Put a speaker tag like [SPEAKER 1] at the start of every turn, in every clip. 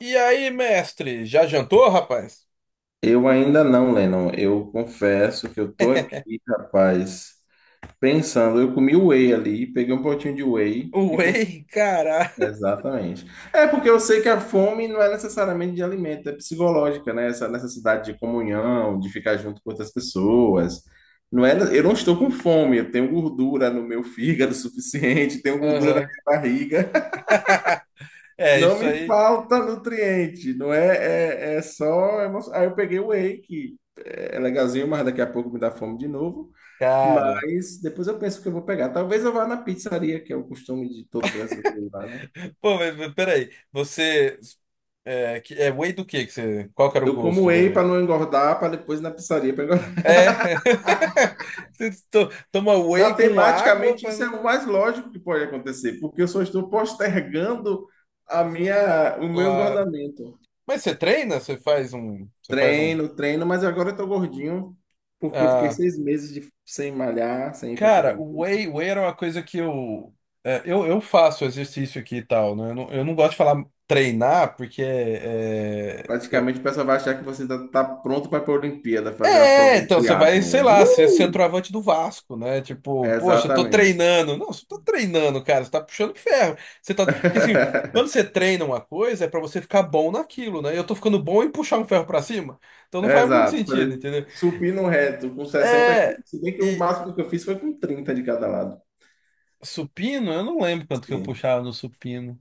[SPEAKER 1] E aí, mestre, já jantou, rapaz?
[SPEAKER 2] Eu ainda não, Lennon. Eu confesso que eu tô aqui, rapaz, pensando. Eu comi whey ali, peguei um potinho de whey e comi.
[SPEAKER 1] Whey, cara.
[SPEAKER 2] Exatamente. É porque eu sei que a fome não é necessariamente de alimento, é psicológica, né? Essa necessidade de comunhão, de ficar junto com outras pessoas. Não é, eu não estou com fome, eu tenho gordura no meu fígado suficiente, tenho gordura na
[SPEAKER 1] Aham.
[SPEAKER 2] minha barriga.
[SPEAKER 1] É,
[SPEAKER 2] Não
[SPEAKER 1] isso
[SPEAKER 2] me
[SPEAKER 1] aí,
[SPEAKER 2] falta nutriente, não é, é só emoção. Aí eu peguei o whey, que é legalzinho, mas daqui a pouco me dá fome de novo.
[SPEAKER 1] cara.
[SPEAKER 2] Mas depois eu penso que eu vou pegar. Talvez eu vá na pizzaria, que é o costume de todo brasileiro lá, né?
[SPEAKER 1] Pô, mas peraí, você... É, é whey do quê que você... Qual que era o
[SPEAKER 2] Eu como
[SPEAKER 1] gosto da
[SPEAKER 2] whey
[SPEAKER 1] whey?
[SPEAKER 2] para não engordar, para depois ir na pizzaria para engordar.
[SPEAKER 1] É. Você toma whey com água
[SPEAKER 2] Matematicamente,
[SPEAKER 1] pra...
[SPEAKER 2] isso é
[SPEAKER 1] não-
[SPEAKER 2] o mais lógico que pode acontecer, porque eu só estou postergando o meu
[SPEAKER 1] Claro.
[SPEAKER 2] engordamento.
[SPEAKER 1] Mas você treina? Você faz um...
[SPEAKER 2] Treino, treino, mas agora eu tô gordinho porque eu fiquei
[SPEAKER 1] ah,
[SPEAKER 2] 6 meses sem malhar, sem ir pra
[SPEAKER 1] cara,
[SPEAKER 2] academia.
[SPEAKER 1] o whey era uma coisa que eu, é, eu faço exercício aqui e tal, né? Eu não gosto de falar treinar, porque
[SPEAKER 2] Praticamente o pessoal vai achar que você tá pronto para ir pra Olimpíada, fazer uma prova de
[SPEAKER 1] então você vai, sei
[SPEAKER 2] triatlon.
[SPEAKER 1] lá, ser centroavante do Vasco, né? Tipo, poxa, eu tô
[SPEAKER 2] Exatamente.
[SPEAKER 1] treinando. Não, você tá treinando, cara, você tá puxando ferro. Você tá, porque assim, quando você treina uma coisa, é pra você ficar bom naquilo, né? Eu tô ficando bom em puxar um ferro pra cima, então não faz muito
[SPEAKER 2] Exato.
[SPEAKER 1] sentido,
[SPEAKER 2] Falei,
[SPEAKER 1] entendeu?
[SPEAKER 2] supino reto com sessenta
[SPEAKER 1] É,
[SPEAKER 2] quilos. Se bem que o
[SPEAKER 1] e
[SPEAKER 2] máximo que eu fiz foi com 30 de cada lado.
[SPEAKER 1] supino, eu não lembro quanto que eu
[SPEAKER 2] Sim.
[SPEAKER 1] puxava no supino.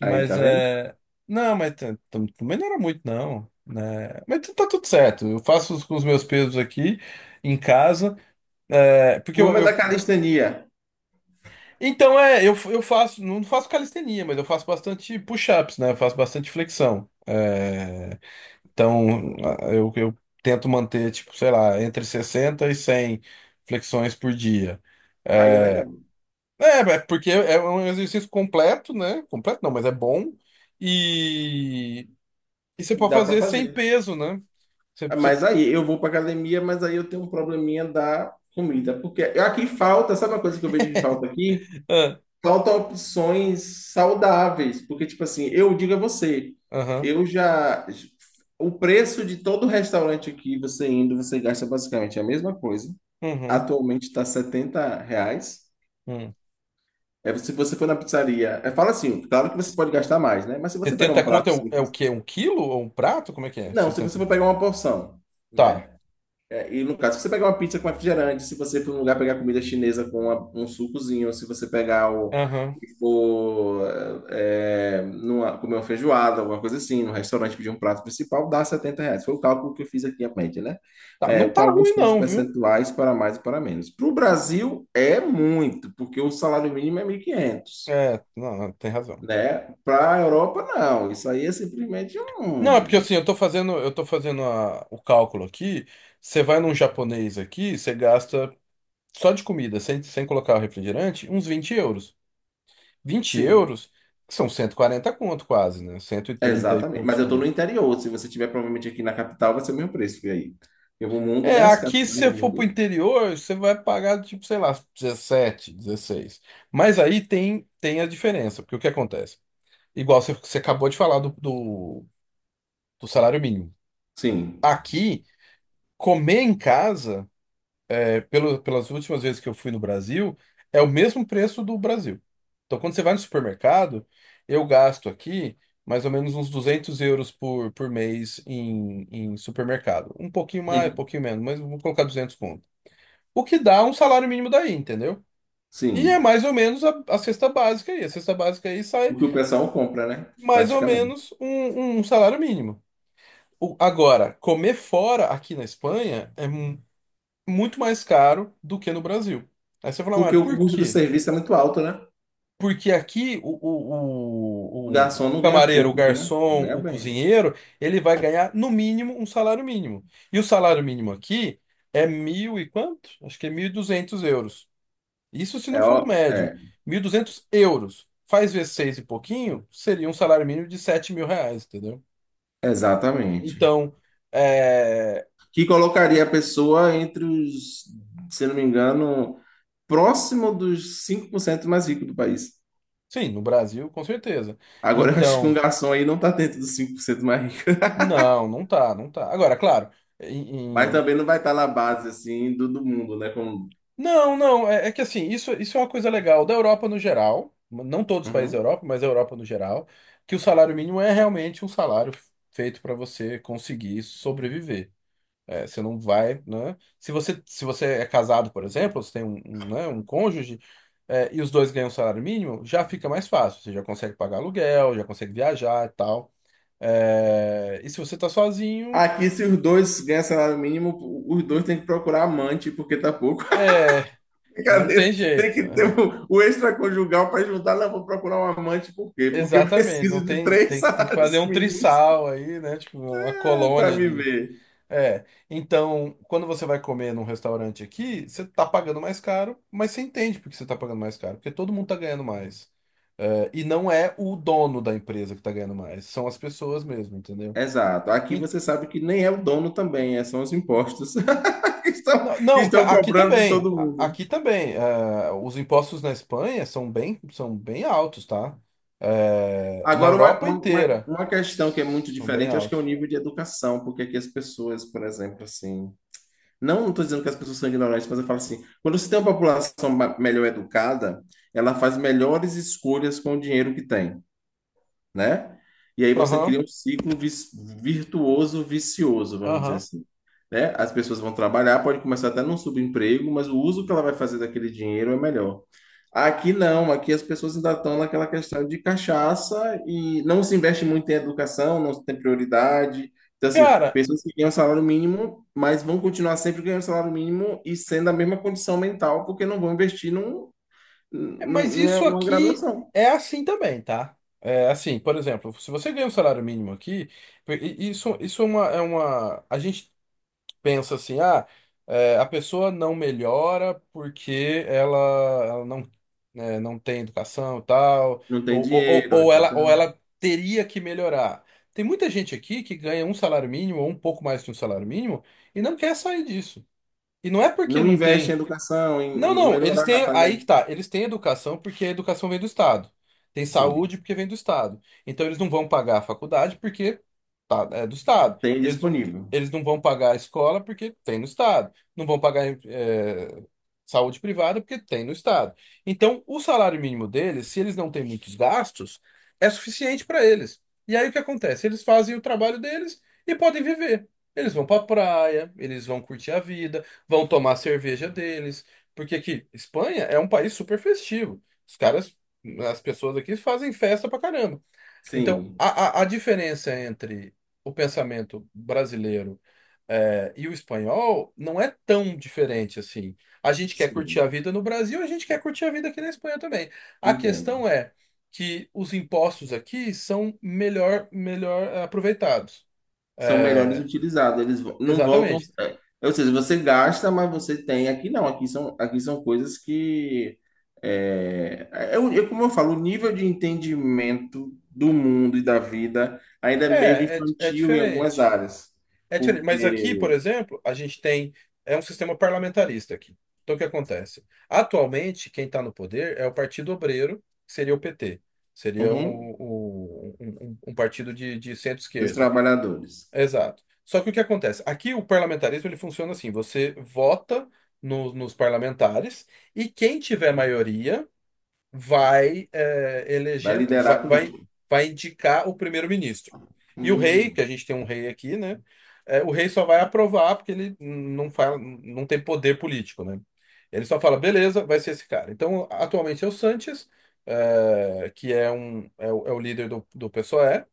[SPEAKER 2] Aí, tá vendo?
[SPEAKER 1] é. Não, mas também não era muito, não. Né? Mas tá tudo certo. Eu faço com os meus pesos aqui em casa. É, porque
[SPEAKER 2] O
[SPEAKER 1] eu,
[SPEAKER 2] homem é da calistenia.
[SPEAKER 1] então é, eu faço, não faço calistenia, mas eu faço bastante push-ups, né? Eu faço bastante flexão. É, então eu tento manter, tipo, sei lá, entre 60 e 100 flexões por dia.
[SPEAKER 2] Aí é
[SPEAKER 1] Eh,
[SPEAKER 2] legal.
[SPEAKER 1] É, é porque é um exercício completo, né? Completo não, mas é bom. E você
[SPEAKER 2] E
[SPEAKER 1] pode
[SPEAKER 2] dá pra
[SPEAKER 1] fazer sem
[SPEAKER 2] fazer.
[SPEAKER 1] peso, né? Você...
[SPEAKER 2] Mas aí eu vou para academia, mas aí eu tenho um probleminha da comida, porque aqui falta, sabe uma coisa que eu vejo que falta aqui?
[SPEAKER 1] Ah,
[SPEAKER 2] Falta opções saudáveis, porque tipo assim, eu digo a você,
[SPEAKER 1] aham,
[SPEAKER 2] eu já o preço de todo restaurante aqui, você indo, você gasta basicamente a mesma coisa.
[SPEAKER 1] uhum,
[SPEAKER 2] Atualmente está R$ 70.
[SPEAKER 1] hum.
[SPEAKER 2] É, se você for na pizzaria, fala assim, claro que você pode gastar mais, né? Mas se você pegar um
[SPEAKER 1] 70 conto
[SPEAKER 2] prato
[SPEAKER 1] é, é
[SPEAKER 2] simples,
[SPEAKER 1] o quê? Um quilo ou um prato? Como é que é?
[SPEAKER 2] não, se você
[SPEAKER 1] 70.
[SPEAKER 2] for pegar uma porção,
[SPEAKER 1] Tá.
[SPEAKER 2] né? E no caso, se você pegar uma pizza com refrigerante, se você for num lugar pegar comida chinesa com um sucozinho, se você pegar o
[SPEAKER 1] Aham.
[SPEAKER 2] e for comer uma feijoada, alguma coisa assim, no restaurante pedir um prato principal, dá R$ 70. Foi o cálculo que eu fiz aqui à mente, né?
[SPEAKER 1] Tá.
[SPEAKER 2] É,
[SPEAKER 1] Não
[SPEAKER 2] com
[SPEAKER 1] tá
[SPEAKER 2] alguns
[SPEAKER 1] ruim,
[SPEAKER 2] pontos
[SPEAKER 1] não, viu?
[SPEAKER 2] percentuais para mais e para menos. Para o Brasil é muito, porque o salário mínimo é 1.500,
[SPEAKER 1] É, não, não, tem razão.
[SPEAKER 2] né? Para a Europa, não. Isso aí é simplesmente
[SPEAKER 1] Não, é porque
[SPEAKER 2] um.
[SPEAKER 1] assim, eu tô fazendo o cálculo aqui. Você vai num japonês aqui, você gasta só de comida, sem colocar o refrigerante, uns 20 euros. Vinte
[SPEAKER 2] Sim,
[SPEAKER 1] euros são 140 conto quase, né? 130 e trinta e
[SPEAKER 2] exatamente.
[SPEAKER 1] poucos
[SPEAKER 2] Mas eu estou no
[SPEAKER 1] conto.
[SPEAKER 2] interior. Se você tiver provavelmente aqui na capital, vai ser o mesmo preço. E aí? Eu vou mundo,
[SPEAKER 1] É,
[SPEAKER 2] né? As
[SPEAKER 1] aqui se
[SPEAKER 2] capitais do
[SPEAKER 1] você for pro
[SPEAKER 2] mundo.
[SPEAKER 1] interior, você vai pagar tipo, sei lá, 17 16. Mas aí tem a diferença, porque o que acontece? Igual você acabou de falar do, do salário mínimo.
[SPEAKER 2] Sim.
[SPEAKER 1] Aqui, comer em casa, é, pelo, pelas últimas vezes que eu fui no Brasil, é o mesmo preço do Brasil. Então, quando você vai no supermercado, eu gasto aqui mais ou menos uns 200 euros por mês em supermercado. Um pouquinho mais, um
[SPEAKER 2] Hum.
[SPEAKER 1] pouquinho menos, mas vamos colocar 200, o que dá um salário mínimo daí, entendeu? E é
[SPEAKER 2] Sim.
[SPEAKER 1] mais ou menos a cesta básica aí. A cesta básica aí sai
[SPEAKER 2] O que o pessoal compra, né?
[SPEAKER 1] mais ou
[SPEAKER 2] Praticamente.
[SPEAKER 1] menos um, um salário mínimo. Agora, comer fora aqui na Espanha é muito mais caro do que no Brasil. Aí você fala,
[SPEAKER 2] Porque
[SPEAKER 1] mas
[SPEAKER 2] o
[SPEAKER 1] por
[SPEAKER 2] custo do
[SPEAKER 1] quê?
[SPEAKER 2] serviço é muito alto, né?
[SPEAKER 1] Porque aqui o,
[SPEAKER 2] O
[SPEAKER 1] o, o, o
[SPEAKER 2] garçom não ganha
[SPEAKER 1] camareiro, o
[SPEAKER 2] pouco, né?
[SPEAKER 1] garçom,
[SPEAKER 2] Ganha
[SPEAKER 1] o
[SPEAKER 2] bem, né?
[SPEAKER 1] cozinheiro, ele vai ganhar no mínimo um salário mínimo. E o salário mínimo aqui é mil e quanto? Acho que é 1.200 euros. Isso se
[SPEAKER 2] É,
[SPEAKER 1] não for o
[SPEAKER 2] ó,
[SPEAKER 1] médio.
[SPEAKER 2] é,
[SPEAKER 1] 1.200 euros. Faz vezes seis e pouquinho, seria um salário mínimo de 7.000 reais, entendeu?
[SPEAKER 2] exatamente.
[SPEAKER 1] Então, é...
[SPEAKER 2] Que colocaria a pessoa entre os, se não me engano, próximo dos 5% mais ricos do país.
[SPEAKER 1] Sim, no Brasil, com certeza.
[SPEAKER 2] Agora eu acho que um
[SPEAKER 1] Então,
[SPEAKER 2] garçom aí não está dentro dos 5% mais.
[SPEAKER 1] não, não tá, não tá. Agora, claro,
[SPEAKER 2] Mas
[SPEAKER 1] em- em-
[SPEAKER 2] também não vai estar na base, assim, do mundo, né? Como...
[SPEAKER 1] não, não, é que assim, isso é uma coisa legal da Europa no geral, não todos os países da
[SPEAKER 2] Uhum.
[SPEAKER 1] Europa, mas a Europa no geral, que o salário mínimo é realmente um salário feito para você conseguir sobreviver. É, você não vai, né? Se você é casado, por exemplo, você tem um, um, né, um cônjuge, é, e os dois ganham um salário mínimo, já fica mais fácil. Você já consegue pagar aluguel, já consegue viajar e tal. É, e se você tá sozinho,
[SPEAKER 2] Aqui, se os dois ganham salário mínimo, os dois têm que procurar amante, porque tá pouco.
[SPEAKER 1] é, não
[SPEAKER 2] Brincadeira.
[SPEAKER 1] tem
[SPEAKER 2] Tem
[SPEAKER 1] jeito.
[SPEAKER 2] que ter
[SPEAKER 1] É.
[SPEAKER 2] o extraconjugal para juntar. Não, vou procurar um amante, por quê? Porque eu
[SPEAKER 1] Exatamente, não
[SPEAKER 2] preciso de
[SPEAKER 1] tem,
[SPEAKER 2] 3
[SPEAKER 1] tem que fazer
[SPEAKER 2] salários
[SPEAKER 1] um
[SPEAKER 2] mínimos
[SPEAKER 1] trisal aí, né? Tipo, uma
[SPEAKER 2] para
[SPEAKER 1] colônia.
[SPEAKER 2] viver.
[SPEAKER 1] É, então, quando você vai comer num restaurante aqui, você tá pagando mais caro, mas você entende por que você tá pagando mais caro, porque todo mundo tá ganhando mais. É, e não é o dono da empresa que tá ganhando mais, são as pessoas mesmo, entendeu?
[SPEAKER 2] Exato. Aqui
[SPEAKER 1] E-
[SPEAKER 2] você sabe que nem é o dono também, são os impostos que estão,
[SPEAKER 1] não,
[SPEAKER 2] que
[SPEAKER 1] não,
[SPEAKER 2] estão
[SPEAKER 1] aqui
[SPEAKER 2] cobrando de
[SPEAKER 1] também,
[SPEAKER 2] todo mundo.
[SPEAKER 1] aqui também, é, os impostos na Espanha são bem altos, tá? É, na
[SPEAKER 2] Agora, uma,
[SPEAKER 1] Europa
[SPEAKER 2] uma, uma
[SPEAKER 1] inteira,
[SPEAKER 2] uma questão que é muito
[SPEAKER 1] são bem
[SPEAKER 2] diferente, acho que é o
[SPEAKER 1] altos.
[SPEAKER 2] nível de educação, porque aqui as pessoas, por exemplo, assim, não estou dizendo que as pessoas são ignorantes, mas eu falo assim, quando você tem uma população melhor educada, ela faz melhores escolhas com o dinheiro que tem, né? E aí você cria
[SPEAKER 1] Aham,
[SPEAKER 2] um ciclo virtuoso, vicioso, vamos dizer
[SPEAKER 1] aham.
[SPEAKER 2] assim, né? As pessoas vão trabalhar, pode começar até num subemprego, mas o uso que ela vai fazer daquele dinheiro é melhor. Aqui não, aqui as pessoas ainda estão naquela questão de cachaça e não se investe muito em educação, não se tem prioridade. Então, assim,
[SPEAKER 1] Cara,
[SPEAKER 2] pessoas que ganham salário mínimo, mas vão continuar sempre ganhando salário mínimo e sendo a mesma condição mental, porque não vão investir
[SPEAKER 1] é, mas isso
[SPEAKER 2] numa
[SPEAKER 1] aqui
[SPEAKER 2] graduação.
[SPEAKER 1] é assim também, tá? É assim, por exemplo, se você ganha um salário mínimo aqui, isso é uma, é uma. A gente pensa assim, ah, é, a pessoa não melhora porque ela não, né, não tem educação e tal,
[SPEAKER 2] Não tem
[SPEAKER 1] ou, ou, ou
[SPEAKER 2] dinheiro,
[SPEAKER 1] ou ela, ou
[SPEAKER 2] etc.
[SPEAKER 1] ela teria que melhorar. Tem muita gente aqui que ganha um salário mínimo ou um pouco mais que um salário mínimo e não quer sair disso. E não é porque
[SPEAKER 2] Não
[SPEAKER 1] não
[SPEAKER 2] investe em
[SPEAKER 1] tem.
[SPEAKER 2] educação,
[SPEAKER 1] Não,
[SPEAKER 2] em
[SPEAKER 1] não, eles
[SPEAKER 2] melhorar a
[SPEAKER 1] têm. Aí
[SPEAKER 2] qualidade.
[SPEAKER 1] que tá. Eles têm educação porque a educação vem do Estado. Tem
[SPEAKER 2] Sim,
[SPEAKER 1] saúde porque vem do Estado. Então eles não vão pagar a faculdade porque... Tá, é do Estado.
[SPEAKER 2] tem
[SPEAKER 1] Eles não,
[SPEAKER 2] disponível.
[SPEAKER 1] eles não vão pagar a escola porque tem no Estado. Não vão pagar saúde privada porque tem no Estado. Então, o salário mínimo deles, se eles não têm muitos gastos, é suficiente para eles. E aí o que acontece? Eles fazem o trabalho deles e podem viver. Eles vão para praia, eles vão curtir a vida, vão tomar a cerveja deles. Porque aqui, Espanha é um país super festivo. Os caras, as pessoas aqui fazem festa pra caramba. Então,
[SPEAKER 2] Sim,
[SPEAKER 1] a, a diferença entre o pensamento brasileiro e o espanhol não é tão diferente assim. A gente quer curtir a
[SPEAKER 2] sim,
[SPEAKER 1] vida no Brasil, a gente quer curtir a vida aqui na Espanha também. A
[SPEAKER 2] entendo.
[SPEAKER 1] questão é que os impostos aqui são melhor, melhor aproveitados.
[SPEAKER 2] São melhores
[SPEAKER 1] Eh,
[SPEAKER 2] utilizados, eles não voltam.
[SPEAKER 1] exatamente.
[SPEAKER 2] Ou seja, você gasta, mas você tem. Aqui não, aqui são coisas que. É como eu falo, o nível de entendimento do mundo e da vida ainda é meio
[SPEAKER 1] É
[SPEAKER 2] infantil em algumas
[SPEAKER 1] diferente.
[SPEAKER 2] áreas,
[SPEAKER 1] É diferente, mas aqui, por
[SPEAKER 2] porque,
[SPEAKER 1] exemplo, a gente tem é um sistema parlamentarista aqui. Então o que acontece? Atualmente, quem está no poder é o Partido Obreiro, que seria o PT. Seria
[SPEAKER 2] uhum,
[SPEAKER 1] um, um partido de
[SPEAKER 2] dos
[SPEAKER 1] centro-esquerda.
[SPEAKER 2] trabalhadores
[SPEAKER 1] Exato. Só que o que acontece? Aqui o parlamentarismo ele funciona assim: você vota nos parlamentares e quem tiver maioria vai eh,
[SPEAKER 2] vai
[SPEAKER 1] eleger,
[SPEAKER 2] liderar
[SPEAKER 1] vai,
[SPEAKER 2] a
[SPEAKER 1] vai,
[SPEAKER 2] política.
[SPEAKER 1] vai indicar o primeiro-ministro. E o rei,
[SPEAKER 2] Hum,
[SPEAKER 1] que a gente tem um rei aqui, né? O rei só vai aprovar porque ele não fala, não tem poder político, né? Ele só fala, beleza, vai ser esse cara. Então, atualmente é o Sanches, eh, que é, um, é, o, é o líder do, do PSOE,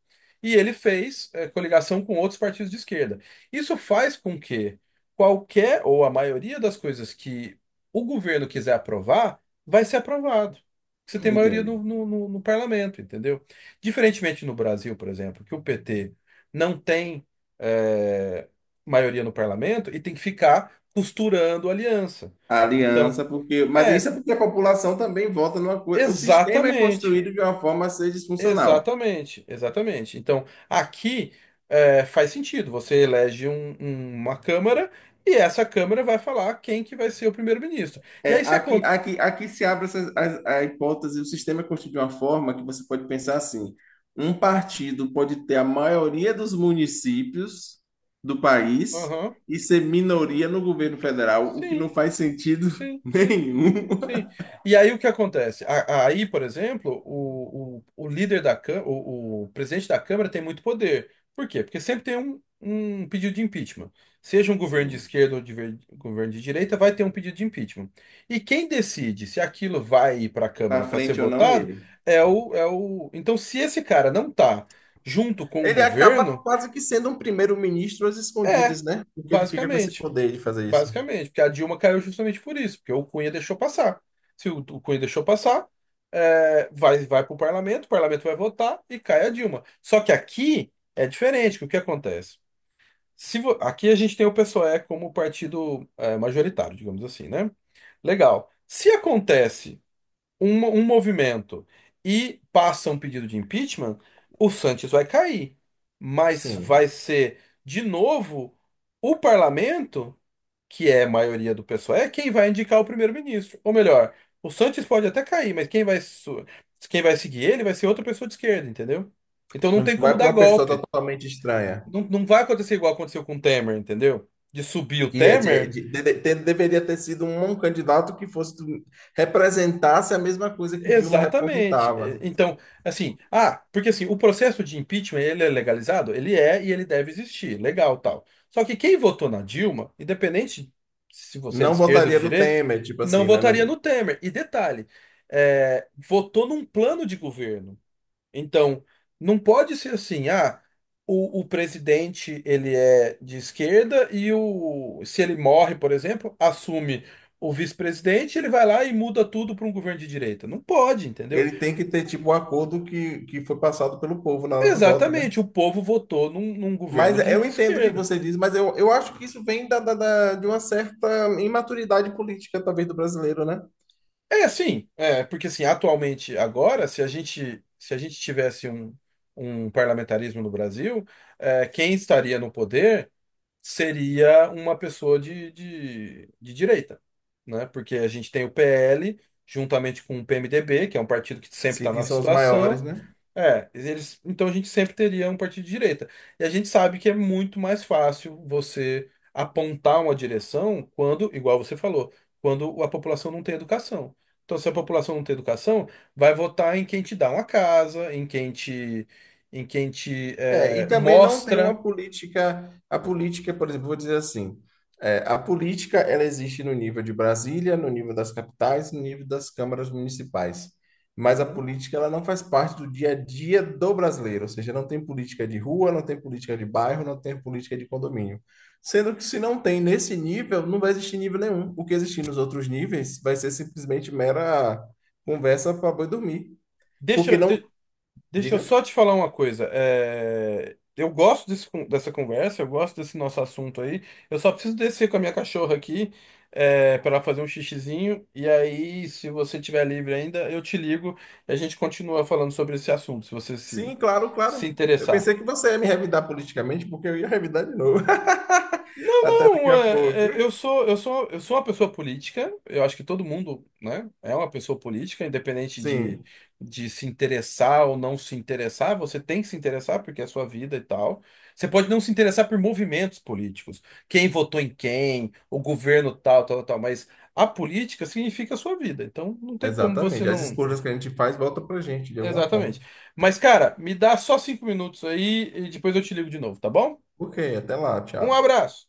[SPEAKER 1] e ele fez coligação com outros partidos de esquerda. Isso faz com que qualquer ou a maioria das coisas que o governo quiser aprovar, vai ser aprovado, você tem maioria
[SPEAKER 2] entendo.
[SPEAKER 1] no parlamento, entendeu? Diferentemente no Brasil, por exemplo, que o PT não tem eh, maioria no parlamento e tem que ficar costurando aliança.
[SPEAKER 2] A
[SPEAKER 1] Então,
[SPEAKER 2] aliança, porque. Mas
[SPEAKER 1] é,
[SPEAKER 2] isso é porque a população também vota numa coisa. O sistema é
[SPEAKER 1] exatamente,
[SPEAKER 2] construído de uma forma a ser disfuncional.
[SPEAKER 1] exatamente, exatamente. Então, aqui faz sentido, você elege uma Câmara e essa Câmara vai falar quem que vai ser o primeiro-ministro. E
[SPEAKER 2] É,
[SPEAKER 1] aí se
[SPEAKER 2] aqui,
[SPEAKER 1] acontece...
[SPEAKER 2] aqui, aqui se abre essa, a hipótese, o sistema é construído de uma forma que você pode pensar assim: um partido pode ter a maioria dos municípios do país
[SPEAKER 1] Aham,
[SPEAKER 2] e ser minoria no governo federal, o que
[SPEAKER 1] sim,
[SPEAKER 2] não faz sentido
[SPEAKER 1] sim, sim.
[SPEAKER 2] nenhum.
[SPEAKER 1] Sim. E aí o que acontece? Aí, por exemplo, o líder da Câmara, o presidente da Câmara tem muito poder. Por quê? Porque sempre tem um, um pedido de impeachment. Seja um governo de
[SPEAKER 2] Sim.
[SPEAKER 1] esquerda ou governo de direita, vai ter um pedido de impeachment. E quem decide se aquilo vai ir para a Câmara
[SPEAKER 2] Para
[SPEAKER 1] para ser
[SPEAKER 2] frente ou não é
[SPEAKER 1] votado
[SPEAKER 2] ele.
[SPEAKER 1] é o, é o... Então, se esse cara não tá junto com o
[SPEAKER 2] Ele acaba
[SPEAKER 1] governo,
[SPEAKER 2] quase que sendo um primeiro-ministro às
[SPEAKER 1] é,
[SPEAKER 2] escondidas, né? Porque ele fica com esse
[SPEAKER 1] basicamente.
[SPEAKER 2] poder de fazer isso.
[SPEAKER 1] Basicamente, porque a Dilma caiu justamente por isso, porque o Cunha deixou passar. Se o, o Cunha deixou passar, é, vai, vai para o parlamento vai votar e cai a Dilma. Só que aqui é diferente, que o que acontece? Se vo- Aqui a gente tem o PSOE como partido é, majoritário, digamos assim, né? Legal. Se acontece um, um movimento e passa um pedido de impeachment, o Sanches vai cair, mas
[SPEAKER 2] Sim.
[SPEAKER 1] vai ser de novo o parlamento, que é a maioria do pessoal, é quem vai indicar o primeiro-ministro. Ou melhor, o Sanches pode até cair, mas quem vai seguir ele vai ser outra pessoa de esquerda, entendeu? Então não
[SPEAKER 2] Não
[SPEAKER 1] tem como
[SPEAKER 2] vai para
[SPEAKER 1] dar
[SPEAKER 2] uma pessoa
[SPEAKER 1] golpe.
[SPEAKER 2] totalmente estranha.
[SPEAKER 1] Não, não vai acontecer igual aconteceu com o Temer, entendeu? De subir o
[SPEAKER 2] Que é-
[SPEAKER 1] Temer.
[SPEAKER 2] de- Deveria ter sido um candidato que fosse representasse a mesma coisa que Dilma
[SPEAKER 1] Exatamente. É,
[SPEAKER 2] representava.
[SPEAKER 1] então, assim, ah, porque assim, o processo de impeachment, ele é legalizado? Ele é e ele deve existir, legal, tal. Só que quem votou na Dilma, independente se você é de
[SPEAKER 2] Não
[SPEAKER 1] esquerda ou de
[SPEAKER 2] votaria no
[SPEAKER 1] direita,
[SPEAKER 2] Temer, tipo
[SPEAKER 1] não
[SPEAKER 2] assim, né?
[SPEAKER 1] votaria
[SPEAKER 2] Não-
[SPEAKER 1] no Temer. E detalhe, é, votou num plano de governo. Então, não pode ser assim, ah, o presidente ele é de esquerda e o, se ele morre, por exemplo, assume o vice-presidente, ele vai lá e muda tudo para um governo de direita. Não pode, entendeu?
[SPEAKER 2] ele tem que ter tipo o acordo que foi passado pelo povo na hora do voto, né?
[SPEAKER 1] Exatamente, o povo votou num, num
[SPEAKER 2] Mas
[SPEAKER 1] governo
[SPEAKER 2] é, eu
[SPEAKER 1] de
[SPEAKER 2] entendo o que
[SPEAKER 1] esquerda.
[SPEAKER 2] você diz, mas eu acho que isso vem de uma certa imaturidade política, talvez, do brasileiro, né?
[SPEAKER 1] É assim, é, porque assim, atualmente, agora, se a gente tivesse um, um parlamentarismo no Brasil, é, quem estaria no poder seria uma pessoa de direita, né? Porque a gente tem o PL, juntamente com o PMDB, que é um partido que sempre está
[SPEAKER 2] Sim, que
[SPEAKER 1] na
[SPEAKER 2] são os maiores,
[SPEAKER 1] situação.
[SPEAKER 2] né?
[SPEAKER 1] É, eles, então a gente sempre teria um partido de direita. E a gente sabe que é muito mais fácil você apontar uma direção quando, igual você falou, quando a população não tem educação. Então, se a população não tem educação, vai votar em quem te dá uma casa, em quem te
[SPEAKER 2] É, e também não tem uma
[SPEAKER 1] mostra.
[SPEAKER 2] política. A política, por exemplo, vou dizer assim: a política ela existe no nível de Brasília, no nível das capitais, no nível das câmaras municipais. Mas a
[SPEAKER 1] Uhum.
[SPEAKER 2] política ela não faz parte do dia a dia do brasileiro, ou seja, não tem política de rua, não tem política de bairro, não tem política de condomínio. Sendo que se não tem nesse nível, não vai existir nível nenhum. O que existir nos outros níveis vai ser simplesmente mera conversa para boi dormir.
[SPEAKER 1] Deixa,
[SPEAKER 2] Porque não.
[SPEAKER 1] de- Deixa eu
[SPEAKER 2] Diga.
[SPEAKER 1] só te falar uma coisa. É, eu gosto dessa conversa, eu gosto desse nosso assunto aí. Eu só preciso descer com a minha cachorra aqui, é, para ela fazer um xixizinho. E aí, se você tiver livre ainda, eu te ligo e a gente continua falando sobre esse assunto, se você
[SPEAKER 2] Sim, claro,
[SPEAKER 1] se
[SPEAKER 2] claro. Eu
[SPEAKER 1] interessar.
[SPEAKER 2] pensei que você ia me revidar politicamente, porque eu ia revidar de novo.
[SPEAKER 1] Não,
[SPEAKER 2] Até daqui
[SPEAKER 1] não,
[SPEAKER 2] a pouco.
[SPEAKER 1] é, eu sou uma pessoa política. Eu acho que todo mundo, né, é uma pessoa política, independente
[SPEAKER 2] Sim,
[SPEAKER 1] de se interessar ou não se interessar. Você tem que se interessar porque é a sua vida e tal. Você pode não se interessar por movimentos políticos, quem votou em quem, o governo tal, tal, tal. Mas a política significa a sua vida. Então não tem como você
[SPEAKER 2] exatamente. As
[SPEAKER 1] não.
[SPEAKER 2] escolhas que a gente faz volta pra gente, de alguma forma.
[SPEAKER 1] Exatamente. Mas, cara, me dá só 5 minutos aí e depois eu te ligo de novo, tá bom?
[SPEAKER 2] Ok, até lá,
[SPEAKER 1] Um
[SPEAKER 2] tchau.
[SPEAKER 1] abraço.